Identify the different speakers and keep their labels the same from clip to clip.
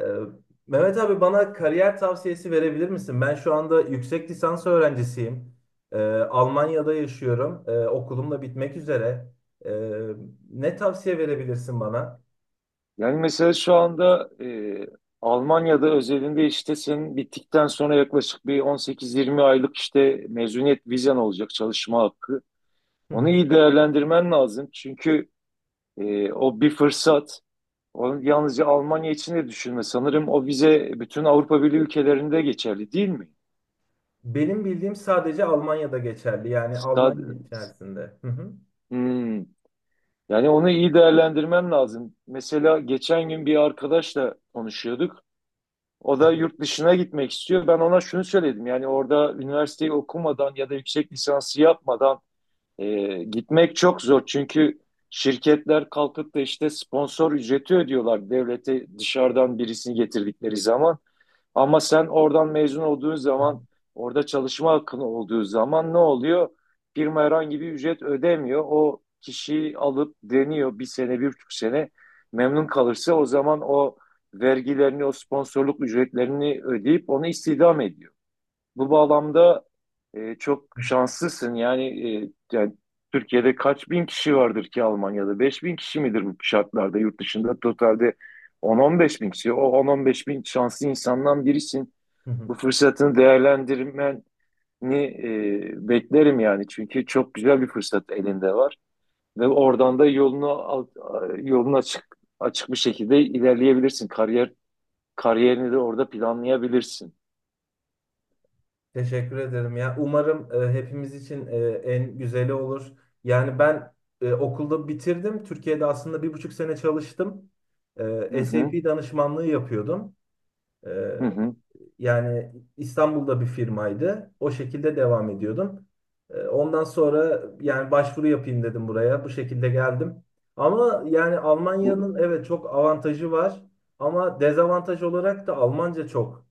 Speaker 1: Ee, Mehmet abi bana kariyer tavsiyesi verebilir misin? Ben şu anda yüksek lisans öğrencisiyim. Ee, Almanya'da yaşıyorum. Okulum da bitmek üzere. Ee, Ne tavsiye verebilirsin bana?
Speaker 2: Yani mesela şu anda Almanya'da özelinde işte senin bittikten sonra yaklaşık bir 18-20 aylık işte mezuniyet vizen olacak çalışma hakkı.
Speaker 1: Hı
Speaker 2: Onu
Speaker 1: hı.
Speaker 2: iyi değerlendirmen lazım. Çünkü o bir fırsat. Onu yalnızca Almanya için de düşünme. Sanırım o vize bütün Avrupa Birliği ülkelerinde geçerli değil mi?
Speaker 1: Benim bildiğim sadece Almanya'da geçerli. Yani
Speaker 2: Stad-
Speaker 1: Almanya içerisinde. Hı hı.
Speaker 2: Hmm. Yani onu iyi değerlendirmen lazım. Mesela geçen gün bir arkadaşla konuşuyorduk. O da yurt dışına gitmek istiyor. Ben ona şunu söyledim. Yani orada üniversiteyi okumadan ya da yüksek lisansı yapmadan gitmek çok zor. Çünkü şirketler kalkıp da işte sponsor ücreti ödüyorlar devlete dışarıdan birisini getirdikleri zaman. Ama sen oradan mezun olduğun zaman, orada çalışma hakkın olduğu zaman ne oluyor? Firma herhangi bir ücret ödemiyor. O kişiyi alıp deniyor bir sene, bir buçuk sene. Memnun kalırsa o zaman o vergilerini, o sponsorluk ücretlerini ödeyip onu istihdam ediyor. Bu bağlamda çok şanslısın. Yani, Türkiye'de kaç bin kişi vardır ki Almanya'da? 5 bin kişi midir bu şartlarda? Yurt dışında totalde 10-15 bin kişi. O 10-15 bin şanslı insandan birisin.
Speaker 1: Hı hı.
Speaker 2: Bu fırsatını değerlendirmeni beklerim yani. Çünkü çok güzel bir fırsat elinde var. Ve oradan da yolunu açık açık bir şekilde ilerleyebilirsin. Kariyerini de orada planlayabilirsin.
Speaker 1: Teşekkür ederim ya. Umarım hepimiz için en güzeli olur. Yani ben okulda bitirdim. Türkiye'de aslında bir buçuk sene çalıştım.
Speaker 2: Hı hı,
Speaker 1: SAP danışmanlığı yapıyordum. E,
Speaker 2: hı hı.
Speaker 1: yani İstanbul'da bir firmaydı. O şekilde devam ediyordum. Ondan sonra yani başvuru yapayım dedim buraya. Bu şekilde geldim. Ama yani Almanya'nın evet
Speaker 2: Bu
Speaker 1: çok avantajı var. Ama dezavantaj olarak da Almanca çok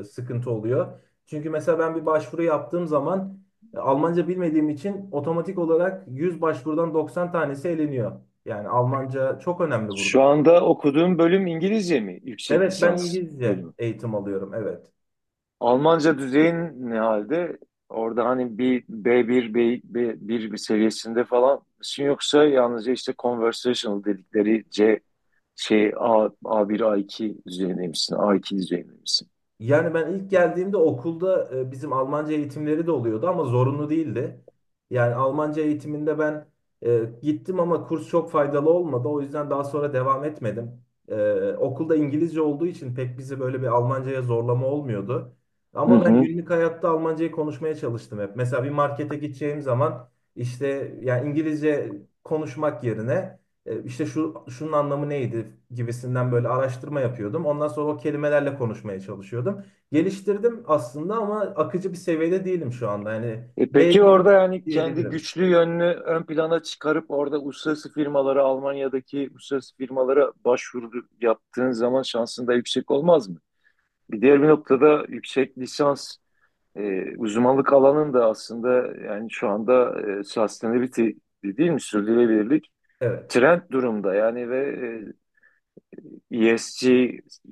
Speaker 1: sıkıntı oluyor. Çünkü mesela ben bir başvuru yaptığım zaman Almanca bilmediğim için otomatik olarak 100 başvurudan 90 tanesi eleniyor. Yani Almanca çok önemli
Speaker 2: Şu
Speaker 1: burada.
Speaker 2: anda okuduğum bölüm İngilizce mi? Yüksek
Speaker 1: Evet, ben
Speaker 2: lisans
Speaker 1: İngilizce
Speaker 2: bölümü.
Speaker 1: eğitim alıyorum. Evet.
Speaker 2: Almanca düzeyin ne halde? Orada hani bir B1 bir seviyesinde falan mısın, yoksa yalnızca işte conversational dedikleri A1, A2 düzeyinde misin? A2 düzeyinde misin?
Speaker 1: Yani ben ilk geldiğimde okulda bizim Almanca eğitimleri de oluyordu ama zorunlu değildi. Yani Almanca eğitiminde ben gittim ama kurs çok faydalı olmadı. O yüzden daha sonra devam etmedim. Okulda İngilizce olduğu için pek bizi böyle bir Almancaya zorlama olmuyordu.
Speaker 2: Hı
Speaker 1: Ama ben
Speaker 2: hı.
Speaker 1: günlük hayatta Almancayı konuşmaya çalıştım hep. Mesela bir markete gideceğim zaman işte yani İngilizce konuşmak yerine işte şunun anlamı neydi gibisinden böyle araştırma yapıyordum. Ondan sonra o kelimelerle konuşmaya çalışıyordum. Geliştirdim aslında ama akıcı bir seviyede değilim şu anda. Yani
Speaker 2: E peki,
Speaker 1: B1
Speaker 2: orada yani kendi
Speaker 1: diyebilirim.
Speaker 2: güçlü yönünü ön plana çıkarıp orada uluslararası firmalara, Almanya'daki uluslararası firmalara başvuru yaptığın zaman şansın da yüksek olmaz mı? Bir diğer bir noktada yüksek lisans uzmanlık alanın da aslında, yani şu anda sustainability değil mi? Sürdürülebilirlik
Speaker 1: Evet.
Speaker 2: trend durumda yani ve ESG,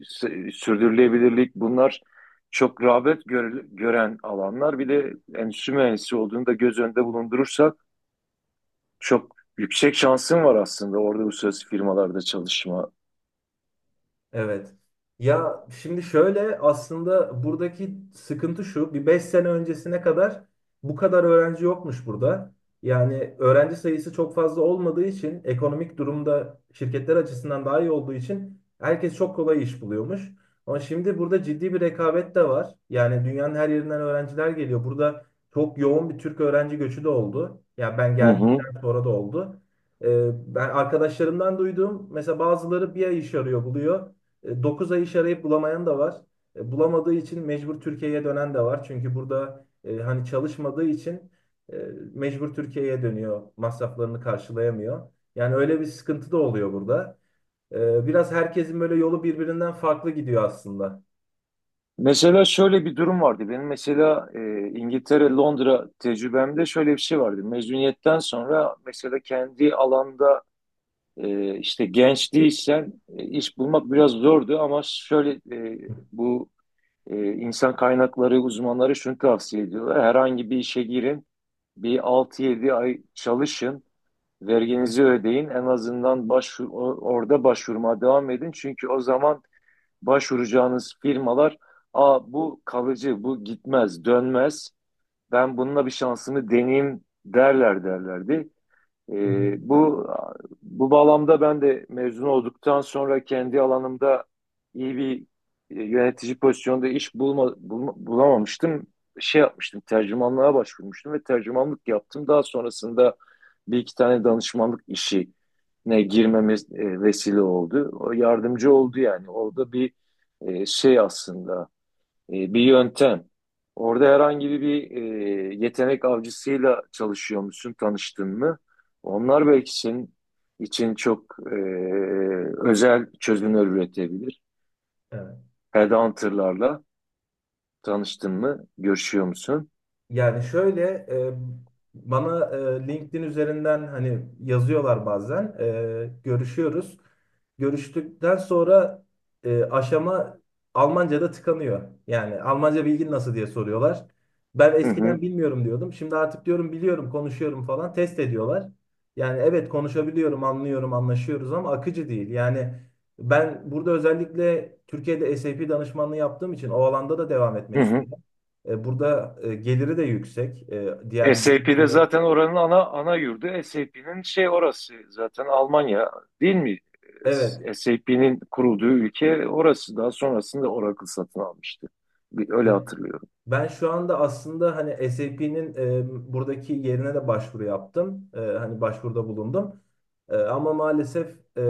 Speaker 2: sürdürülebilirlik bunlar çok gören alanlar. Bir de endüstri mühendisi olduğunu da göz önünde bulundurursak çok yüksek şansın var aslında orada uluslararası firmalarda çalışma.
Speaker 1: Evet. Ya şimdi şöyle, aslında buradaki sıkıntı şu. Bir 5 sene öncesine kadar bu kadar öğrenci yokmuş burada. Yani öğrenci sayısı çok fazla olmadığı için, ekonomik durumda şirketler açısından daha iyi olduğu için herkes çok kolay iş buluyormuş. Ama şimdi burada ciddi bir rekabet de var. Yani dünyanın her yerinden öğrenciler geliyor. Burada çok yoğun bir Türk öğrenci göçü de oldu. Ya ben
Speaker 2: Hı hı.
Speaker 1: geldikten sonra da oldu. Ee, ben arkadaşlarımdan duyduğum, mesela bazıları bir ay iş arıyor, buluyor. 9 ay iş arayıp bulamayan da var. Bulamadığı için mecbur Türkiye'ye dönen de var. Çünkü burada hani çalışmadığı için e, mecbur Türkiye'ye dönüyor. Masraflarını karşılayamıyor. Yani öyle bir sıkıntı da oluyor burada. Biraz herkesin böyle yolu birbirinden farklı gidiyor aslında.
Speaker 2: Mesela şöyle bir durum vardı. Benim mesela İngiltere, Londra tecrübemde şöyle bir şey vardı. Mezuniyetten sonra mesela kendi alanda işte genç değilsen iş bulmak biraz zordu, ama şöyle bu insan kaynakları uzmanları şunu tavsiye ediyorlar. Herhangi bir işe girin, bir 6-7 ay çalışın, verginizi ödeyin. En azından başvur, orada başvurmaya devam edin. Çünkü o zaman başvuracağınız firmalar, "Aa, bu kalıcı, bu gitmez, dönmez. Ben bununla bir şansımı deneyeyim," derlerdi. Ee, bu bu bağlamda ben de mezun olduktan sonra kendi alanımda iyi bir yönetici pozisyonda bulamamıştım. Şey yapmıştım, tercümanlığa başvurmuştum ve tercümanlık yaptım. Daha sonrasında bir iki tane danışmanlık işine girmemiz vesile oldu. O yardımcı oldu yani. Orada bir şey aslında, bir yöntem. Orada herhangi bir yetenek avcısıyla çalışıyor musun, tanıştın mı? Onlar belki senin için çok özel çözümler üretebilir.
Speaker 1: Evet.
Speaker 2: Headhunter'larla tanıştın mı, görüşüyor musun?
Speaker 1: Yani şöyle, bana LinkedIn üzerinden hani yazıyorlar bazen, görüşüyoruz. Görüştükten sonra aşama Almanca'da tıkanıyor. Yani Almanca bilgin nasıl diye soruyorlar. Ben
Speaker 2: Hı hı,
Speaker 1: eskiden bilmiyorum diyordum. Şimdi artık diyorum biliyorum, konuşuyorum falan, test ediyorlar. Yani evet, konuşabiliyorum, anlıyorum, anlaşıyoruz ama akıcı değil. Yani ben burada, özellikle Türkiye'de SAP danışmanlığı yaptığım için o alanda da devam
Speaker 2: hı
Speaker 1: etmek
Speaker 2: hı.
Speaker 1: istedim. Burada geliri de yüksek. Diğer
Speaker 2: SAP'de
Speaker 1: mühendislere.
Speaker 2: zaten oranın ana yurdu. SAP'nin şey orası zaten Almanya değil mi?
Speaker 1: Evet.
Speaker 2: SAP'nin kurulduğu ülke orası. Daha sonrasında Oracle satın almıştı. Bir, öyle
Speaker 1: Ya,
Speaker 2: hatırlıyorum.
Speaker 1: ben şu anda aslında hani SAP'nin buradaki yerine de başvuru yaptım. Hani başvuruda bulundum. Ama maalesef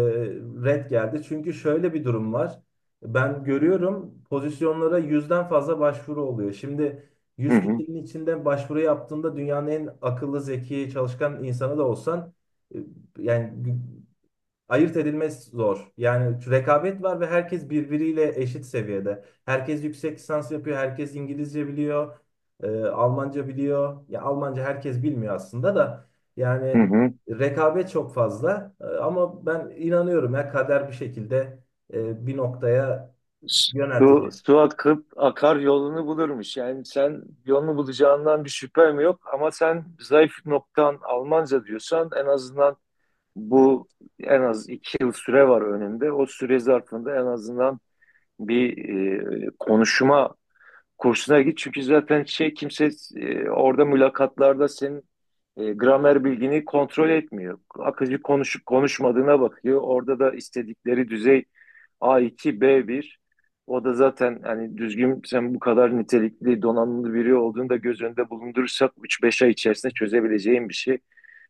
Speaker 1: red geldi. Çünkü şöyle bir durum var. Ben görüyorum, pozisyonlara yüzden fazla başvuru oluyor. Şimdi
Speaker 2: Hı
Speaker 1: yüz
Speaker 2: hı.
Speaker 1: kişinin içinde başvuru yaptığında, dünyanın en akıllı, zeki, çalışkan insanı da olsan e, yani ayırt edilmesi zor. Yani rekabet var ve herkes birbiriyle eşit seviyede. Herkes yüksek lisans yapıyor, herkes İngilizce biliyor, Almanca biliyor. Ya Almanca herkes bilmiyor aslında da,
Speaker 2: Hı
Speaker 1: yani
Speaker 2: hı.
Speaker 1: rekabet çok fazla. Ama ben inanıyorum, ya kader bir şekilde bir noktaya
Speaker 2: Su,
Speaker 1: yöneltecek.
Speaker 2: su akıp akar yolunu bulurmuş. Yani sen yolunu bulacağından bir şüphem yok, ama sen zayıf noktan Almanca diyorsan, en azından bu en az 2 yıl süre var önünde. O süre zarfında en azından bir konuşma kursuna git, çünkü zaten şey kimse orada mülakatlarda senin gramer bilgini kontrol etmiyor. Akıcı konuşup konuşmadığına bakıyor. Orada da istedikleri düzey A2, B1. O da zaten hani düzgün, sen bu kadar nitelikli, donanımlı biri olduğunu da göz önünde bulundurursak 3-5 ay içerisinde çözebileceğin bir şey.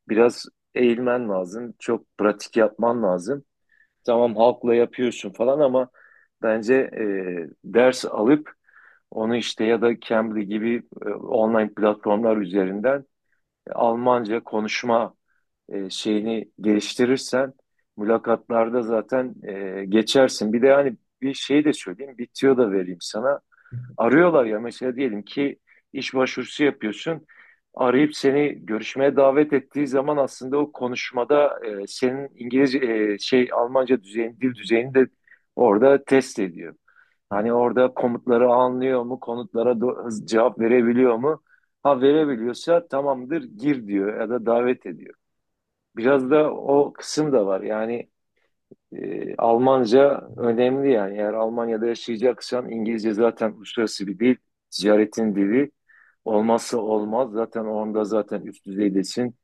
Speaker 2: Biraz eğilmen lazım, çok pratik yapman lazım. Tamam halkla yapıyorsun falan, ama bence ders alıp onu işte, ya da Cambly gibi online platformlar üzerinden Almanca konuşma şeyini geliştirirsen mülakatlarda zaten geçersin. Bir de hani bir şey de söyleyeyim, bir tüyo da vereyim sana. Arıyorlar ya, mesela diyelim ki iş başvurusu yapıyorsun. Arayıp seni görüşmeye davet ettiği zaman aslında o konuşmada senin İngilizce e, şey Almanca düzeyini, dil düzeyini de orada test ediyor.
Speaker 1: Ha.
Speaker 2: Hani orada komutları anlıyor mu? Konutlara cevap verebiliyor mu? Ha, verebiliyorsa tamamdır, gir diyor ya da davet ediyor. Biraz da o kısım da var. Yani Almanca önemli yani. Eğer Almanya'da yaşayacaksan, İngilizce zaten uluslararası bir dil. Ticaretin dili, olmazsa olmaz. Zaten onda zaten üst düzeydesin.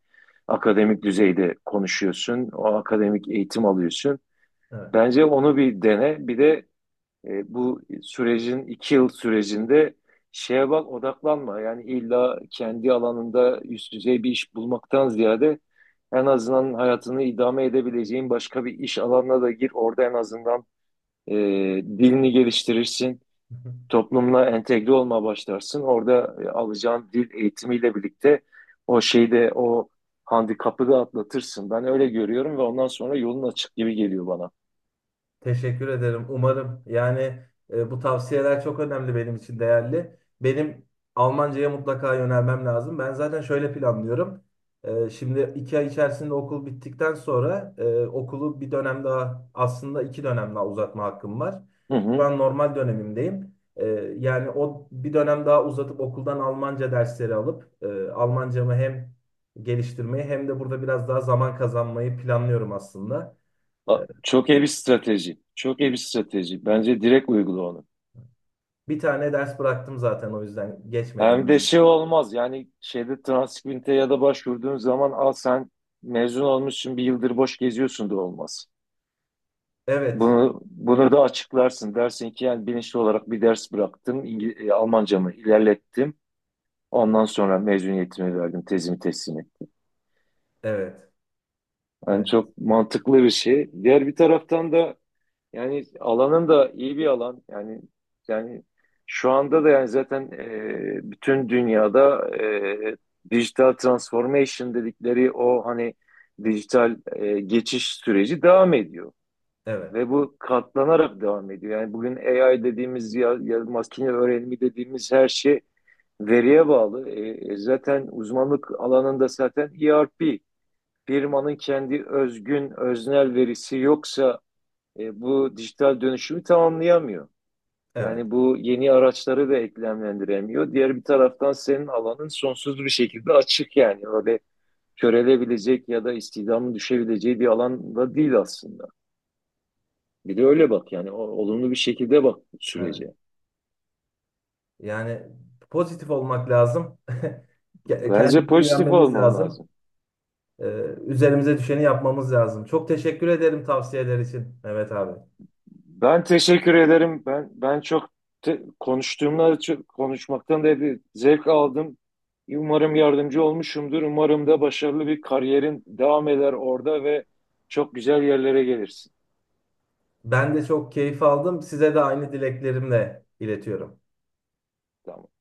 Speaker 2: Akademik düzeyde konuşuyorsun. O akademik eğitim alıyorsun.
Speaker 1: Evet.
Speaker 2: Bence onu bir dene. Bir de bu sürecin 2 yıl sürecinde şeye bak, odaklanma. Yani illa kendi alanında üst düzey bir iş bulmaktan ziyade en azından hayatını idame edebileceğin başka bir iş alanına da gir. Orada en azından e, dilini geliştirirsin. Toplumla entegre olmaya başlarsın. Orada alacağın dil eğitimiyle birlikte o şeyde o handikapı da atlatırsın. Ben öyle görüyorum ve ondan sonra yolun açık gibi geliyor bana.
Speaker 1: Teşekkür ederim. Umarım. Yani bu tavsiyeler çok önemli, benim için değerli. Benim Almanca'ya mutlaka yönelmem lazım. Ben zaten şöyle planlıyorum. Şimdi iki ay içerisinde okul bittikten sonra, okulu bir dönem daha, aslında iki dönem daha uzatma hakkım var.
Speaker 2: Hı
Speaker 1: Şu
Speaker 2: hı.
Speaker 1: an normal dönemimdeyim. Yani o bir dönem daha uzatıp okuldan Almanca dersleri alıp Almancamı hem geliştirmeyi hem de burada biraz daha zaman kazanmayı planlıyorum aslında. E,
Speaker 2: Çok iyi bir strateji. Çok iyi bir strateji. Bence direkt uygula onu.
Speaker 1: Bir tane ders bıraktım zaten, o yüzden
Speaker 2: Hem de
Speaker 1: geçmedim.
Speaker 2: şey olmaz yani, şeyde transkripte ya da başvurduğun zaman, al sen mezun olmuşsun bir yıldır boş geziyorsun, da olmaz.
Speaker 1: Evet,
Speaker 2: Bunu da açıklarsın. Dersin ki, yani bilinçli olarak bir ders bıraktım. Almancamı ilerlettim. Ondan sonra mezuniyetimi verdim, tezimi teslim ettim.
Speaker 1: evet,
Speaker 2: Yani
Speaker 1: evet,
Speaker 2: çok mantıklı bir şey. Diğer bir taraftan da yani alanın da iyi bir alan. Yani, yani şu anda da yani zaten bütün dünyada dijital transformation dedikleri o hani dijital geçiş süreci devam ediyor.
Speaker 1: evet,
Speaker 2: Ve bu katlanarak devam ediyor. Yani bugün AI dediğimiz ya, ya makine öğrenimi dediğimiz her şey veriye bağlı. Zaten uzmanlık alanında zaten ERP, firmanın kendi özgün öznel verisi yoksa bu dijital dönüşümü tamamlayamıyor.
Speaker 1: evet,
Speaker 2: Yani bu yeni araçları da eklemlendiremiyor. Diğer bir taraftan senin alanın sonsuz bir şekilde açık yani. Öyle körelebilecek ya da istihdamın düşebileceği bir alanda değil aslında. Bir de öyle bak yani, olumlu bir şekilde bak
Speaker 1: evet.
Speaker 2: sürece.
Speaker 1: Yani pozitif olmak lazım.
Speaker 2: Bence
Speaker 1: Kendimize
Speaker 2: pozitif
Speaker 1: güvenmemiz
Speaker 2: olman
Speaker 1: lazım.
Speaker 2: lazım.
Speaker 1: Ee, üzerimize düşeni yapmamız lazım. Çok teşekkür ederim tavsiyeler için Mehmet abi.
Speaker 2: Ben teşekkür ederim. Ben çok te- konuştuğumla çok, konuşmaktan da bir zevk aldım. Umarım yardımcı olmuşumdur. Umarım da başarılı bir kariyerin devam eder orada ve çok güzel yerlere gelirsin.
Speaker 1: Ben de çok keyif aldım. Size de aynı dileklerimle iletiyorum.
Speaker 2: Tamam.